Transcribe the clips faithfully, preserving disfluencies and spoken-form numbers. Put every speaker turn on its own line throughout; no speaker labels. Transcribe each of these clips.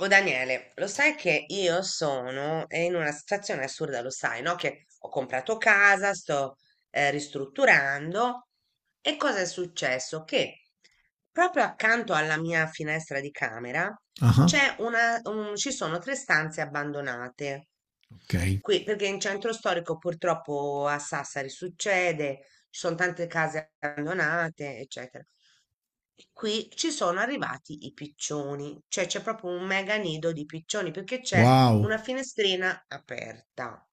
Oh Daniele, lo sai che io sono eh, in una situazione assurda, lo sai, no? Che ho comprato casa, sto eh, ristrutturando e cosa è successo? Che proprio accanto alla mia finestra di camera
Ah,
c'è una, un- ci sono tre stanze abbandonate.
ok.
Qui, perché in centro storico purtroppo a Sassari succede, ci sono tante case abbandonate, eccetera. E qui ci sono arrivati i piccioni, cioè c'è proprio un mega nido di piccioni perché c'è
Wow.
una finestrina aperta.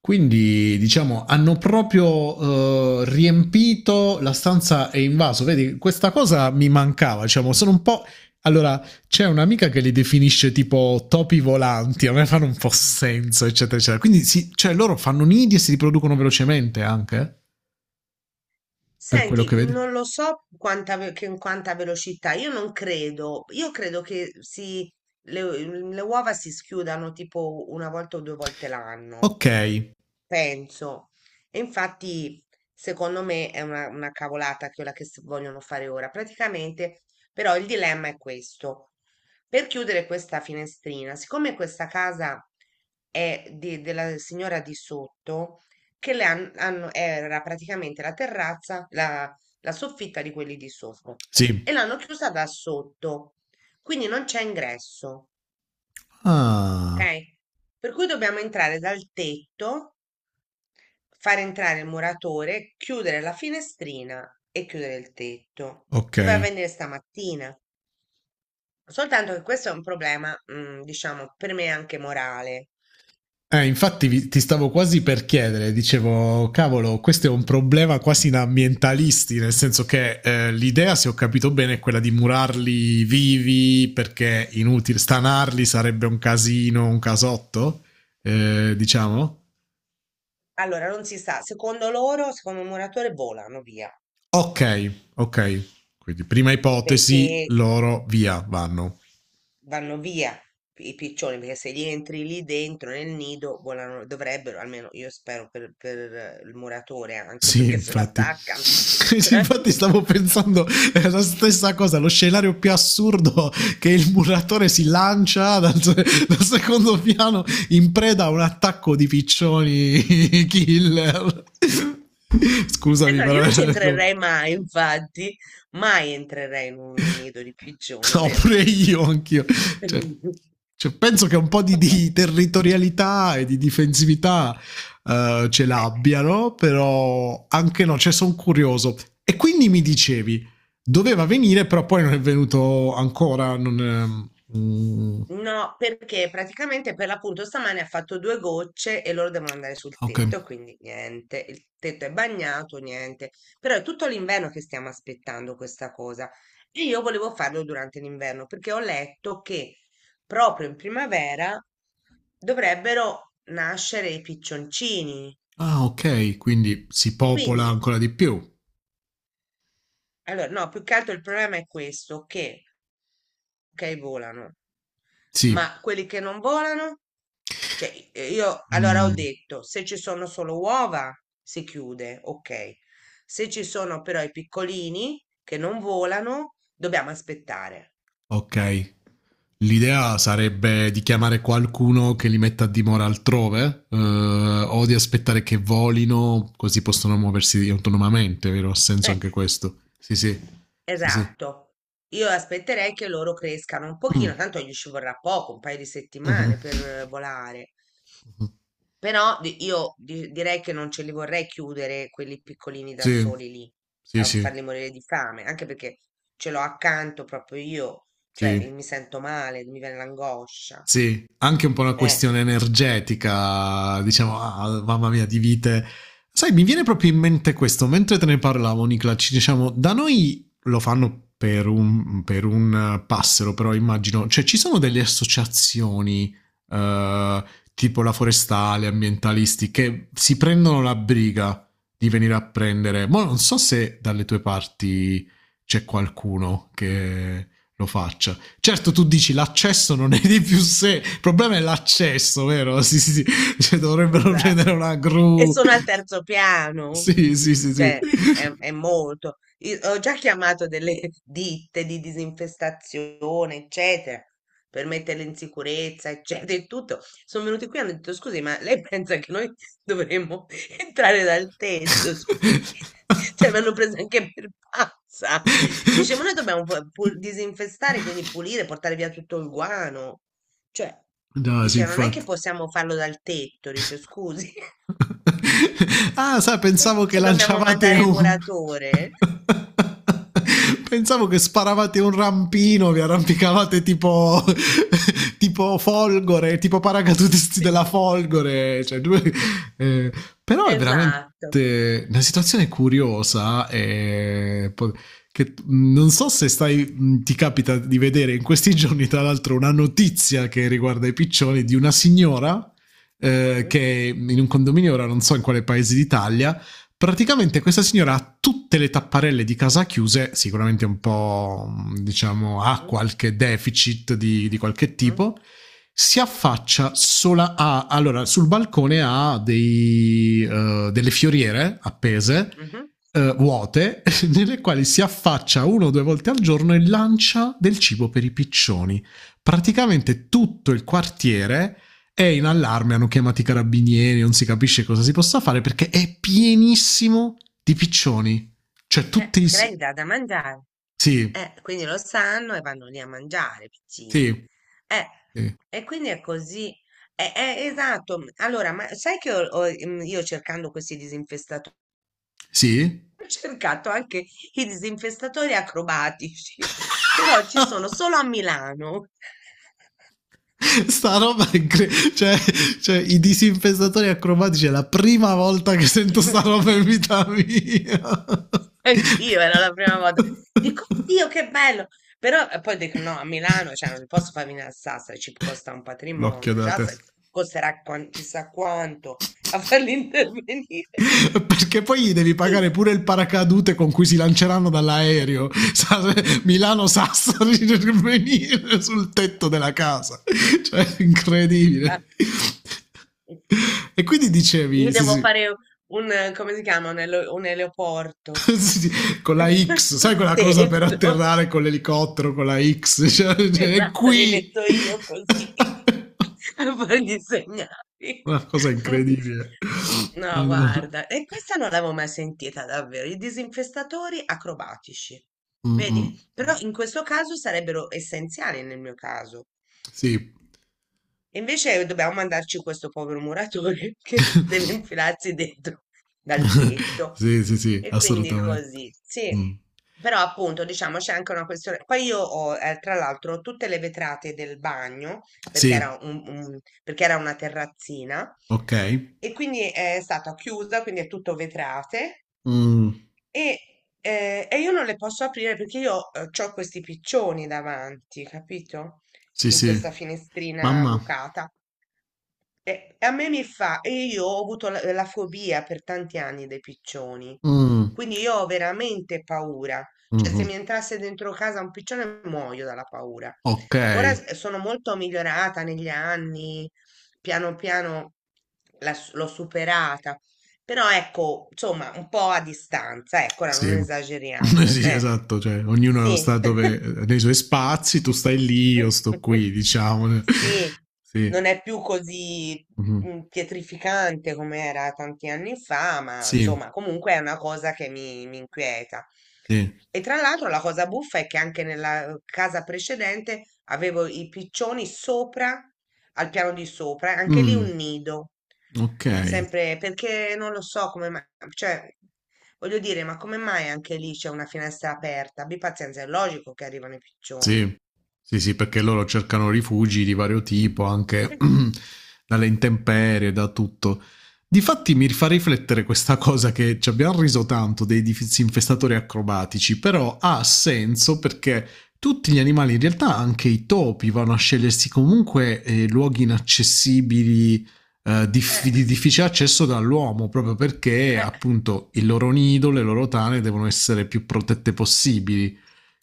Quindi diciamo hanno proprio eh, riempito la stanza e invaso. Vedi, questa cosa mi mancava. Diciamo, sono un po'. Allora, c'è un'amica che li definisce tipo topi volanti, a me fanno un po' senso, eccetera, eccetera. Quindi, si, cioè, loro fanno nidi e si riproducono velocemente anche, eh, per quello che
Senti,
vedi.
non lo so quanta, ve- che- in quanta velocità, io non credo, io credo che si, le, le uova si schiudano tipo una volta o due volte l'anno.
Ok,
Penso. E infatti, secondo me, è una, una cavolata quella che s- vogliono fare ora. Praticamente, però, il dilemma è questo. Per chiudere questa finestrina, siccome questa casa è di- della signora di sotto, che le han- hanno, era praticamente la terrazza, la, la soffitta di quelli di sopra,
sì.
e l'hanno chiusa da sotto, quindi non c'è ingresso,
Ah,
ok? Per cui dobbiamo entrare dal tetto, far entrare il muratore, chiudere la finestrina e chiudere il tetto.
ok.
Doveva venire stamattina. Soltanto che questo è un problema, mm, diciamo, per me anche morale.
Eh, infatti vi- ti stavo quasi per chiedere, dicevo, cavolo, questo è un problema quasi da ambientalisti, nel senso che eh, l'idea, se ho capito bene, è quella di murarli vivi perché inutile stanarli sarebbe un casino, un casotto, eh, diciamo.
Allora, non si sa, secondo loro, secondo il muratore, volano via,
Ok, ok. Quindi prima ipotesi,
perché
loro via, vanno.
vanno via i piccioni, perché se gli entri lì dentro nel nido, volano, dovrebbero, almeno io spero per, per eh, il muratore, anche
Sì,
perché se lo
infatti.
attaccano.
Infatti stavo pensando è la stessa cosa, lo scenario più assurdo che il muratore si lancia dal, dal secondo piano in preda a un attacco di piccioni killer. Scusami
Esatto, io
però,
non ci
ecco.
entrerei mai, infatti, mai entrerei in un nido di piccioni,
No,
vero?
pure io, anch'io. Cioè, cioè, penso che un po' di,
Insomma,
di territorialità e di difensività eh, ce
eh,
l'abbiano, però anche no, cioè sono curioso. E quindi mi dicevi, doveva venire, però poi non è venuto ancora. Non è- mm,
no, perché praticamente per l'appunto stamane ha fatto due gocce e loro devono andare sul
ok.
tetto, quindi niente, il tetto è bagnato, niente. Però è tutto l'inverno che stiamo aspettando questa cosa e io volevo farlo durante l'inverno perché ho letto che proprio in primavera dovrebbero nascere i piccioncini.
Ah, ok, quindi si popola
Quindi
ancora di più.
allora, no, più che altro il problema è questo, che, ok, volano,
Sì.
ma quelli che non volano, cioè eh, io allora ho
Mm.
detto, se ci sono solo uova si chiude, ok. Se ci sono però i piccolini che non volano, dobbiamo aspettare.
Ok. L'idea sarebbe di chiamare qualcuno che li metta a dimora altrove, eh, o di aspettare che volino, così possono muoversi autonomamente, vero? Ha senso
Eh,
anche questo. Sì, sì. Sì, sì.
esatto. Io aspetterei che loro crescano un
Mm.
pochino, tanto gli ci vorrà poco, un paio di
Mhm.
settimane per eh, volare.
Mhm.
Però di- io di- direi che non ce li vorrei chiudere quelli piccolini da
Sì,
soli lì
sì,
a
sì,
farli morire di fame, anche perché ce l'ho accanto proprio io, cioè
sì.
mi, mi sento male, mi viene l'angoscia.
Sì, anche un po' una
Eh,
questione energetica, diciamo, ah, ah, mamma mia, di vite. Sai, mi viene proprio in mente questo, mentre te ne parlavo, Nicola, ci diciamo, da noi lo fanno per un, per un eh, passero, però immagino, cioè ci sono delle associazioni, eh, tipo la forestale, ambientalisti, che si prendono la briga di venire a prendere. Ma non so se dalle tue parti c'è qualcuno che lo faccia. Certo, tu dici l'accesso non è di più sé, il problema è l'accesso, vero? Sì, sì, sì. Cioè, dovrebbero
esatto.
prendere una
E
gru.
sono al terzo piano.
Sì, sì, sì, sì.
Cioè, è, è molto. Io ho già chiamato delle ditte di disinfestazione, eccetera, per metterle in sicurezza, eccetera, e tutto. Sono venuti qui e hanno detto, scusi, ma lei pensa che noi dovremmo entrare dal tetto, scusi? Cioè, mi hanno preso anche per pazza. Dice, ma noi dobbiamo pu- pu- disinfestare, quindi pulire, portare via tutto il guano. Cioè,
No, sì,
dice, non è che
infatti.
possiamo farlo dal tetto, dice, scusi.
Ah, sai, pensavo che
Perciò dobbiamo
lanciavate
mandare il
un...
muratore.
Pensavo che sparavate un rampino, vi arrampicavate tipo, tipo folgore, tipo paracadutisti della
Sì.
folgore. Cioè, due- eh, però è veramente
Esatto.
una situazione curiosa e po- che mh, non so se stai, mh, ti capita di vedere in questi giorni, tra l'altro, una notizia che riguarda i piccioni di una signora eh,
Mm,
che in un condominio, ora non so in quale paese d'Italia, praticamente questa signora ha tutte le tapparelle di casa chiuse, sicuramente un po', mm, diciamo, ha
mm,
qualche deficit di, di qualche
mm,
tipo, si affaccia sola a... Allora, sul balcone ha dei, eh, delle fioriere appese,
mhm.
eh, vuote, nelle quali si affaccia una o due volte al giorno e lancia del cibo per i piccioni. Praticamente tutto il quartiere è in allarme, hanno chiamato i carabinieri, non si capisce cosa si possa fare perché è pienissimo di piccioni. Cioè
Eh,
tutti... i
perché
s-
lei gli dà da mangiare.
Sì,
Eh, quindi lo sanno e vanno lì a mangiare, i
sì,
piccini. Eh,
sì,
e quindi è così. Eh, eh, esatto. m- Allora, ma sai che ho- ho, mm, io cercando questi disinfestatori,
sì.
ho cercato anche i disinfestatori acrobatici, però ci sono solo a Milano.
Sta roba è incre- cioè, cioè, i disinfestatori acrobatici è la prima volta che sento sta roba in vita mia.
Anch'io, era la prima volta. Dico, Dio, che bello! Però eh, poi dico, no, a Milano, cioè, non posso far venire a Sassari, ci costa un
L'occhio
patrimonio,
della
già se-
testa.
costerà quan- chissà quanto a farli intervenire.
Perché poi gli devi
Sì.
pagare pure il paracadute con cui si lanceranno dall'aereo. Milano-Sassari per venire sul tetto della casa. Cioè,
Ah,
incredibile. E quindi
gli
dicevi, sì,
devo
sì,
fare un, eh, come si chiama, un, ele- un eleoporto.
sì, sì, con la X, sai
Sul
quella cosa per
tetto.
atterrare con l'elicottero, con la X, cioè, cioè, è
Esatto, mi
qui.
metto io così a fargli i segnali.
Una cosa incredibile.
No,
Allora.
guarda, e questa non l'avevo mai sentita davvero, i disinfestatori acrobatici, vedi?
Mm-mm.
Però in questo caso sarebbero essenziali nel mio caso,
Sì.
e invece dobbiamo mandarci questo povero muratore che deve infilarsi dentro dal tetto.
Sì, sì, sì,
E quindi
assolutamente.
così, sì.
Mh.
Però appunto, diciamo, c'è anche una questione. Poi io ho, eh, tra l'altro, tutte le vetrate del bagno, perché
Sì,
era un- un- perché era una terrazzina,
okay.
e quindi è stata chiusa, quindi è tutto vetrate.
Mh.
E, eh, e io non le posso aprire perché io ho questi piccioni davanti, capito?
Sì,
In
sì.
questa finestrina
Mamma.
bucata. E e a me mi fa, e io ho avuto la, la fobia per tanti anni dei piccioni,
Mh.
quindi io ho veramente paura. Cioè, se
Mh-mh.
mi entrasse dentro casa un piccione, muoio dalla paura. Ora
Okay,
s- sono molto migliorata negli anni, piano piano la s- l'ho superata, però ecco, insomma, un po' a distanza, ecco, ora non
sì.
esageriamo,
Sì,
eh.
esatto, cioè ognuno
Sì.
sta dove ehm, nei suoi spazi, tu stai lì, io sto qui diciamo.
Sì,
Sì.
non è più così
Mh-mh.
mm, pietrificante come era tanti anni fa, ma
Sì,
insomma, comunque è una cosa che mi, mi inquieta.
sì.
E tra l'altro la cosa buffa è che anche nella casa precedente avevo i piccioni sopra, al piano di sopra, e anche lì un
Mh.
nido.
Okay.
Sempre perché non lo so come mai, cioè, voglio dire, ma come mai anche lì c'è una finestra aperta? Abbi pazienza, è logico che arrivano i piccioni.
Sì, sì, sì, perché loro cercano rifugi di vario tipo, anche
Eh,
dalle intemperie, da tutto. Difatti mi fa riflettere questa cosa che ci abbiamo riso tanto dei disinfestatori acrobatici, però ha senso perché tutti gli animali, in realtà anche i topi, vanno a scegliersi comunque eh, luoghi inaccessibili, eh, dif-
eh,
di difficile accesso dall'uomo, proprio perché
eh,
appunto il loro nido, le loro tane devono essere più protette possibili.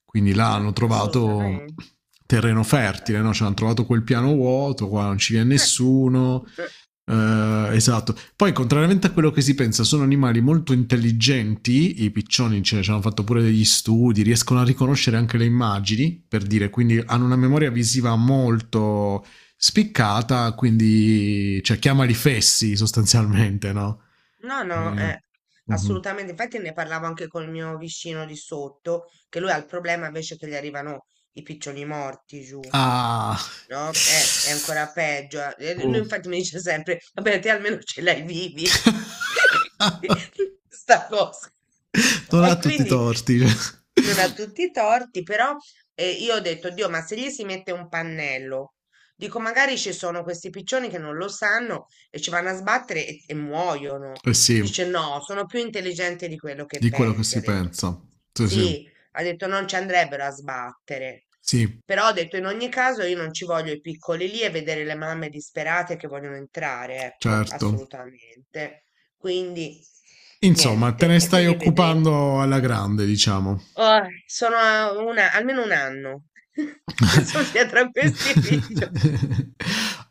Quindi là
eh,
hanno trovato
assolutamente.
terreno
Eh,
fertile, no? Cioè hanno trovato quel piano vuoto, qua non ci viene
eh,
nessuno.
eh.
Eh, esatto. Poi, contrariamente a quello che si pensa, sono animali molto intelligenti. I piccioni cioè, ci hanno fatto pure degli studi, riescono a riconoscere anche le immagini, per dire, quindi hanno una memoria visiva molto spiccata, quindi cioè, chiamali fessi sostanzialmente, no?
No, no,
Eh,
eh,
mhm.
assolutamente. Infatti ne parlavo anche col mio vicino di sotto, che lui ha il problema invece che gli arrivano i piccioni morti giù.
Ah,
No? Eh, è ancora peggio. Eh, Lui
oh.
infatti mi dice sempre, vabbè, te almeno ce l'hai vivi. Sta cosa.
Non ha
E
tutti i
quindi
torti.
non ha tutti i torti, però eh, io ho detto, Dio, ma se gli si mette un pannello, dico, magari ci sono questi piccioni che non lo sanno e ci vanno a sbattere e, e muoiono.
Eh sì,
Dice, no, sono più intelligenti di quello che
di quello che
pensi, ha
si
detto.
pensa. Sì, sì.
Sì, ha detto, non ci andrebbero a sbattere.
Sì,
Però ho detto in ogni caso io non ci voglio i piccoli lì e vedere le mamme disperate che vogliono entrare, ecco,
certo.
assolutamente. Quindi
Insomma, te
niente,
ne
e
stai
quindi vedremo.
occupando alla grande, diciamo.
Oh, sono a una- almeno un anno che sono dietro a questi piccioni.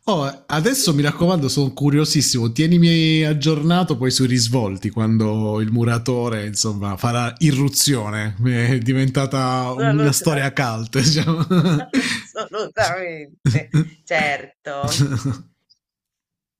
Oh, adesso mi raccomando, sono curiosissimo. Tienimi aggiornato poi sui risvolti quando il muratore insomma farà irruzione. È diventata una
Assolutamente.
storia cult. Diciamo.
Assolutamente, certo.